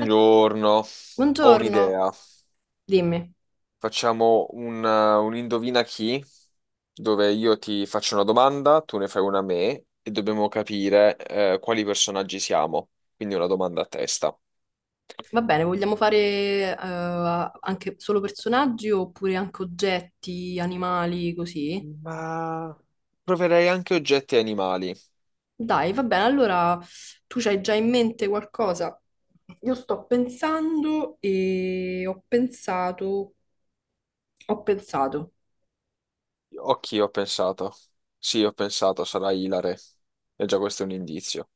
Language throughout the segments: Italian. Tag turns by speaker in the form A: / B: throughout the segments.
A: Eh,
B: ho
A: Buongiorno,
B: un'idea.
A: dimmi.
B: Facciamo un indovina chi, dove io ti faccio una domanda, tu ne fai una a me e dobbiamo capire quali personaggi siamo. Quindi una domanda a testa.
A: Va bene, vogliamo fare anche solo personaggi oppure anche oggetti, animali, così?
B: Ma proverei anche oggetti e animali.
A: Dai, va bene, allora tu c'hai già in mente qualcosa? Io sto pensando e ho pensato.
B: Occhi, ho pensato. Sì, ho pensato, sarà ilare. E già questo è un indizio.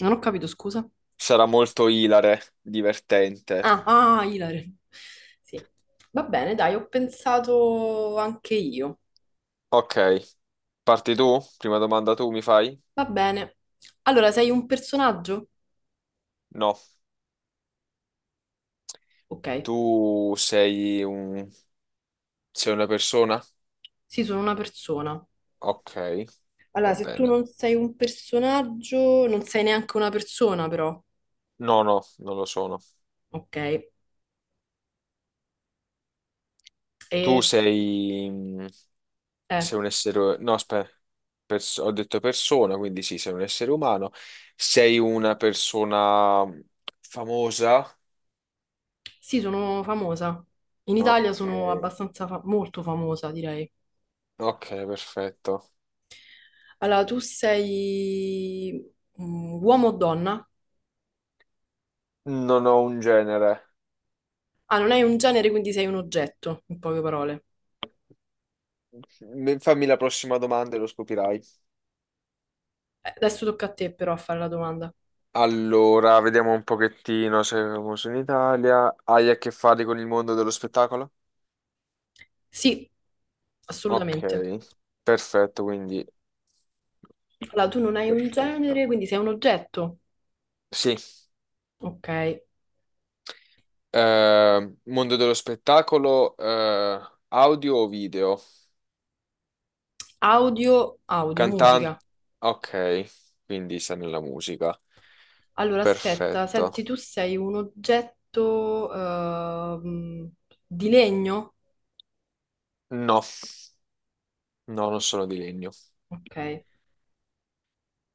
A: Non ho capito, scusa.
B: Sarà molto ilare, divertente.
A: Ah, ah, Ilare. Sì, va bene, dai, ho pensato anche io.
B: Ok, parti tu? Prima domanda tu mi fai?
A: Va bene. Allora, sei un personaggio?
B: No.
A: Ok.
B: Tu sei un... sei una persona?
A: Sì, sono una persona.
B: Ok,
A: Allora,
B: va
A: se tu
B: bene.
A: non sei un personaggio, non sei neanche una persona, però.
B: No, no, non lo sono.
A: Ok. E,
B: Tu
A: s-
B: sei...
A: eh,
B: sei un essere... No, aspetta, ho detto persona, quindi sì, sei un essere umano. Sei una persona famosa?
A: sì, sono famosa. In Italia
B: Ok,
A: sono abbastanza molto famosa, direi.
B: ok, perfetto.
A: Allora, tu sei uomo o donna?
B: Non ho un genere.
A: Ah, non hai un genere, quindi sei un oggetto, in poche parole.
B: Fammi la prossima domanda e lo scoprirai.
A: Adesso tocca a te però a fare la domanda.
B: Allora, vediamo un pochettino se è famoso in Italia. Hai a che fare con il mondo dello spettacolo?
A: Sì,
B: Ok,
A: assolutamente.
B: perfetto, quindi
A: Allora, tu non hai un genere,
B: perfetto.
A: quindi sei un oggetto.
B: Sì,
A: Ok.
B: mondo dello spettacolo, audio o video?
A: Audio, audio,
B: Cantante.
A: musica.
B: Ok, quindi sta nella musica.
A: Allora, aspetta,
B: Perfetto.
A: senti, tu sei un oggetto di legno?
B: No, no, non sono di legno.
A: Ok.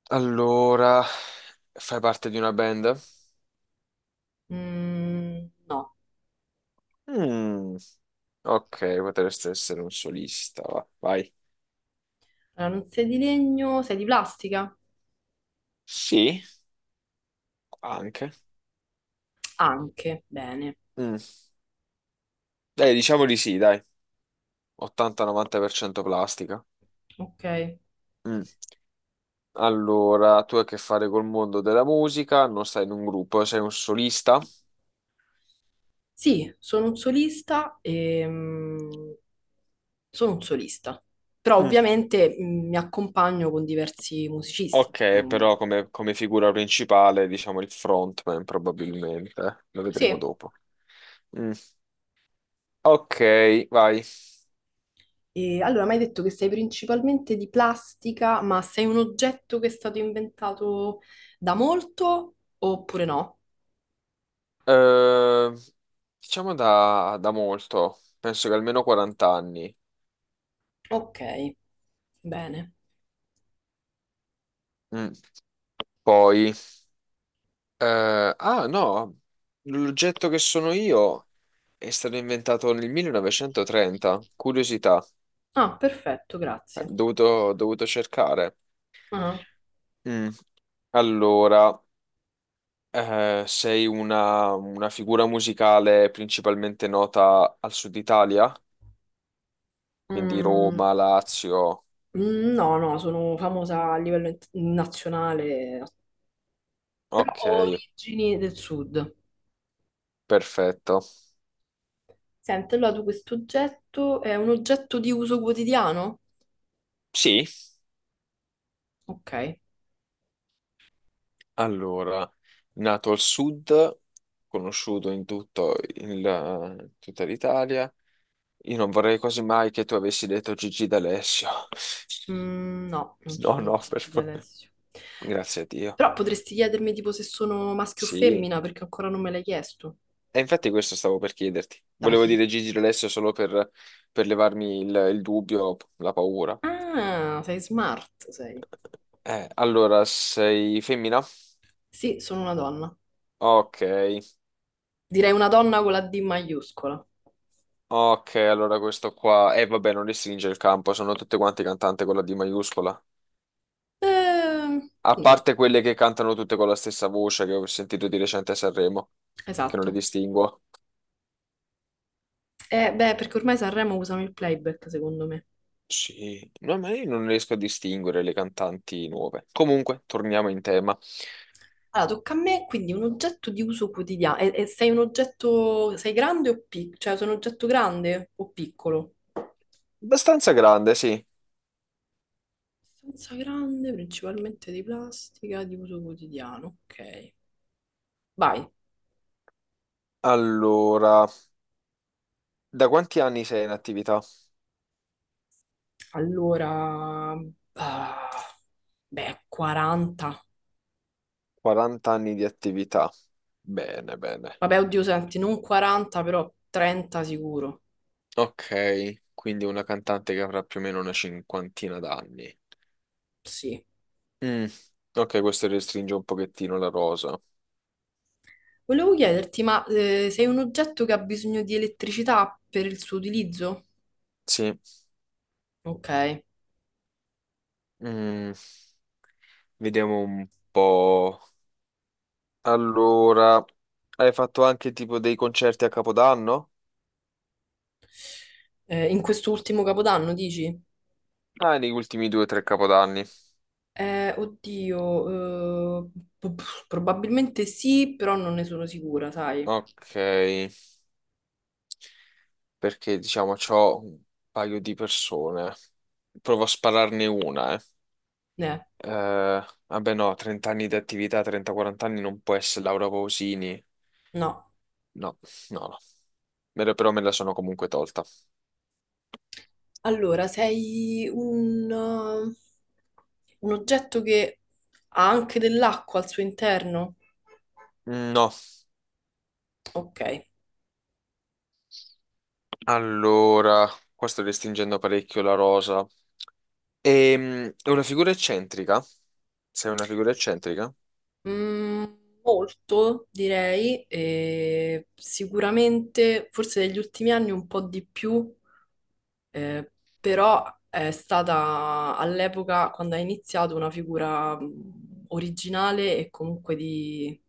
B: Allora, fai parte di una band?
A: Mm, no,
B: Mm, ok, potresti essere un solista. Vai.
A: allora, non sei di legno, sei di plastica?
B: Sì, anche.
A: Anche, bene.
B: Mm, dai, diciamo di sì, dai. 80-90% plastica.
A: Ok.
B: Mm. Allora, tu hai a che fare col mondo della musica, non stai in un gruppo, sei un solista.
A: Sì, sono un solista e sono un solista, però
B: Mm.
A: ovviamente mi accompagno con diversi musicisti,
B: Ok,
A: insomma.
B: però come figura principale, diciamo il frontman probabilmente, lo vedremo
A: Sì,
B: dopo. Mm. Ok, vai.
A: e allora, mi hai detto che sei principalmente di plastica, ma sei un oggetto che è stato inventato da molto oppure no?
B: Eh, diciamo da molto, penso che almeno 40 anni.
A: Ok, bene.
B: Mm. Poi, no, l'oggetto che sono io. È stato inventato nel 1930, curiosità,
A: Ah, perfetto, grazie.
B: dovuto cercare.
A: Ah,
B: Mm. Allora, sei una figura musicale principalmente nota al sud Italia, quindi
A: mm,
B: Roma, Lazio.
A: mm, no, no, sono famosa a livello nazionale,
B: Ok,
A: origini del sud.
B: perfetto.
A: Senti, allora tu questo oggetto è un oggetto di uso quotidiano?
B: Sì,
A: Ok.
B: allora, nato al sud, conosciuto in tutta l'Italia. Io non vorrei quasi mai che tu avessi detto Gigi D'Alessio.
A: Mm, no, non
B: No,
A: sono
B: no, per
A: Gigi
B: favore.
A: D'Alessio.
B: Grazie a Dio.
A: Però potresti chiedermi tipo se sono maschio o
B: Sì.
A: femmina, perché ancora non me l'hai chiesto.
B: E infatti questo stavo per chiederti. Volevo
A: Dai.
B: dire Gigi D'Alessio solo per levarmi il dubbio, la paura.
A: Ah, sei smart, sei.
B: Allora, sei femmina?
A: Sì, sono una donna.
B: Ok,
A: Direi una donna con la D maiuscola.
B: ok, allora questo qua. Vabbè, non restringe il campo, sono tutte quante cantanti con la D maiuscola.
A: Ehm,
B: A
A: nì,
B: parte quelle che cantano tutte con la stessa voce che ho sentito di recente a Sanremo, che non le
A: esatto.
B: distinguo.
A: Beh, perché ormai Sanremo usano il playback, secondo me.
B: Sì, no, ma io non riesco a distinguere le cantanti nuove. Comunque, torniamo in tema.
A: Allora, tocca a me, quindi un oggetto di uso quotidiano. E sei un oggetto... Sei grande o piccolo? Cioè, sei un oggetto grande o piccolo?
B: Abbastanza grande, sì.
A: Abbastanza grande, principalmente di plastica, di uso quotidiano. Ok. Vai.
B: Allora, da quanti anni sei in attività?
A: Allora, ah, beh, 40 anni.
B: 40 anni di attività. Bene, bene.
A: Vabbè, oddio, senti, non 40, però 30 sicuro.
B: Ok, quindi una cantante che avrà più o meno una cinquantina d'anni.
A: Sì.
B: Mm, ok, questo restringe un pochettino la rosa.
A: Volevo chiederti, ma sei un oggetto che ha bisogno di elettricità per il suo utilizzo?
B: Sì.
A: Ok.
B: Mm, vediamo un po'. Allora, hai fatto anche tipo dei concerti a Capodanno?
A: In quest'ultimo capodanno, dici?
B: Ah, negli ultimi due o tre Capodanni.
A: Oddio, probabilmente sì, però non ne sono sicura, sai?
B: Ok, perché diciamo c'ho un paio di persone. Provo a spararne una, eh.
A: Eh,
B: Vabbè no, 30 anni di attività, 30-40 anni non può essere Laura Pausini.
A: no.
B: No, no, no. Però me la sono comunque tolta.
A: Allora, sei un oggetto che ha anche dell'acqua al suo interno?
B: No,
A: Ok.
B: allora, qua sto restringendo parecchio la rosa. È una figura eccentrica? Sei una figura eccentrica?
A: Mm, molto, direi, e sicuramente, forse negli ultimi anni un po' di più, eh, però è stata all'epoca, quando ha iniziato, una figura originale e comunque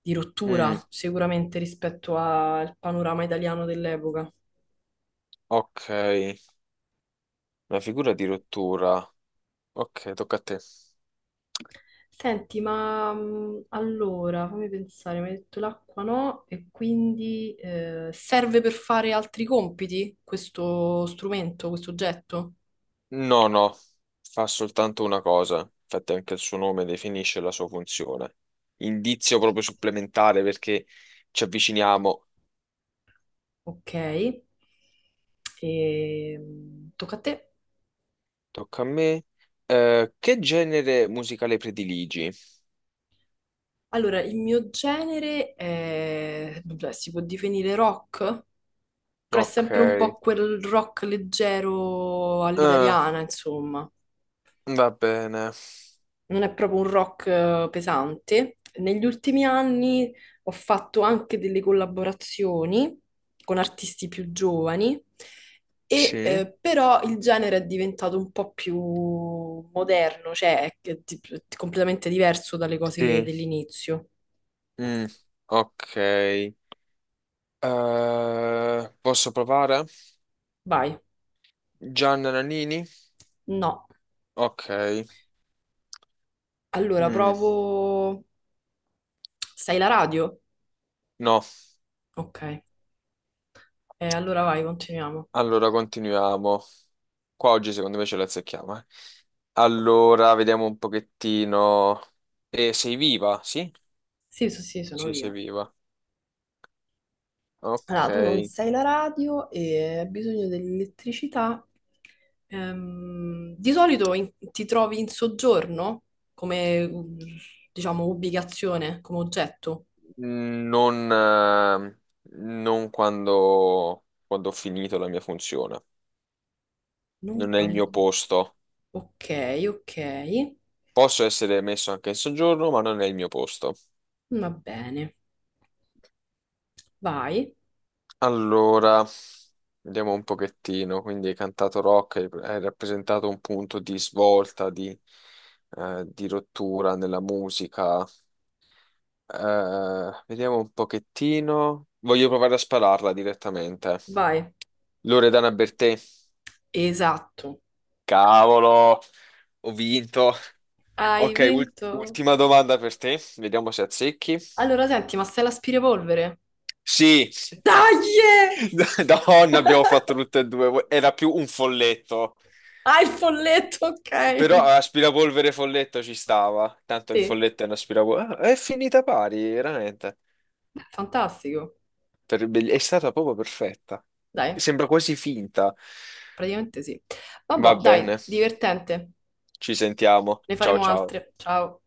A: di
B: Mm,
A: rottura, sicuramente rispetto al panorama italiano dell'epoca.
B: ok, una figura di rottura. Ok, tocca a te.
A: Senti, ma allora fammi pensare, mi hai detto l'acqua no, e quindi serve per fare altri compiti questo strumento, questo oggetto?
B: No, no, fa soltanto una cosa, infatti anche il suo nome definisce la sua funzione. Indizio proprio supplementare perché ci avviciniamo.
A: Ok, e, tocca a te.
B: Tocca a me. Che genere musicale prediligi?
A: Allora, il mio genere è, beh, si può definire rock, però è
B: Ok,
A: sempre un
B: eh,
A: po' quel rock leggero all'italiana, insomma.
B: va bene.
A: Non è proprio un rock pesante. Negli ultimi anni ho fatto anche delle collaborazioni con artisti più giovani, e,
B: Sì,
A: però il genere è diventato un po' più moderno, completamente diverso dalle cose
B: sì.
A: dell'inizio.
B: Mm, ok. Posso provare?
A: Vai,
B: Gianna Nannini?
A: no.
B: Ok.
A: Allora
B: Mm,
A: provo... Stai la radio?
B: no,
A: Ok, eh, allora vai, continuiamo.
B: allora continuiamo. Qua oggi secondo me ce la azzecchiamo, eh. Allora, vediamo un pochettino. Sei viva? Sì?
A: Sì, sì, sì, sono
B: Sì, sei
A: viva.
B: viva. Ok.
A: Allora, tu non sai la radio e hai bisogno dell'elettricità. Di solito ti trovi in soggiorno come, diciamo, ubicazione, come oggetto.
B: Non, quando ho finito la mia funzione.
A: Non
B: Non è il mio
A: quando-
B: posto.
A: Ok, ok.
B: Posso essere messo anche in soggiorno, ma non è il mio posto.
A: Va bene. Vai,
B: Allora, vediamo un pochettino. Quindi hai cantato rock, hai rappresentato un punto di svolta, di rottura nella musica. Vediamo un pochettino. Voglio provare a spararla direttamente.
A: vai.
B: Loredana Bertè.
A: Esatto.
B: Cavolo, ho vinto.
A: Hai
B: Ok,
A: vinto.
B: ultima domanda per te. Vediamo se azzecchi.
A: Allora, senti, ma sei l'aspirapolvere?
B: Sì,
A: Dai!
B: donna, abbiamo fatto tutte e due. Era più un folletto.
A: Hai il folletto,
B: Però
A: ok.
B: aspirapolvere folletto ci stava. Tanto il
A: Sì.
B: folletto è un aspirapolvere. Ah, è finita pari, veramente.
A: Fantastico.
B: È stata proprio perfetta.
A: Dai,
B: Sembra quasi finta.
A: praticamente sì.
B: Va
A: Vabbè, dai,
B: bene.
A: divertente.
B: Ci sentiamo.
A: Ne
B: Ciao
A: faremo
B: ciao.
A: altre. Ciao.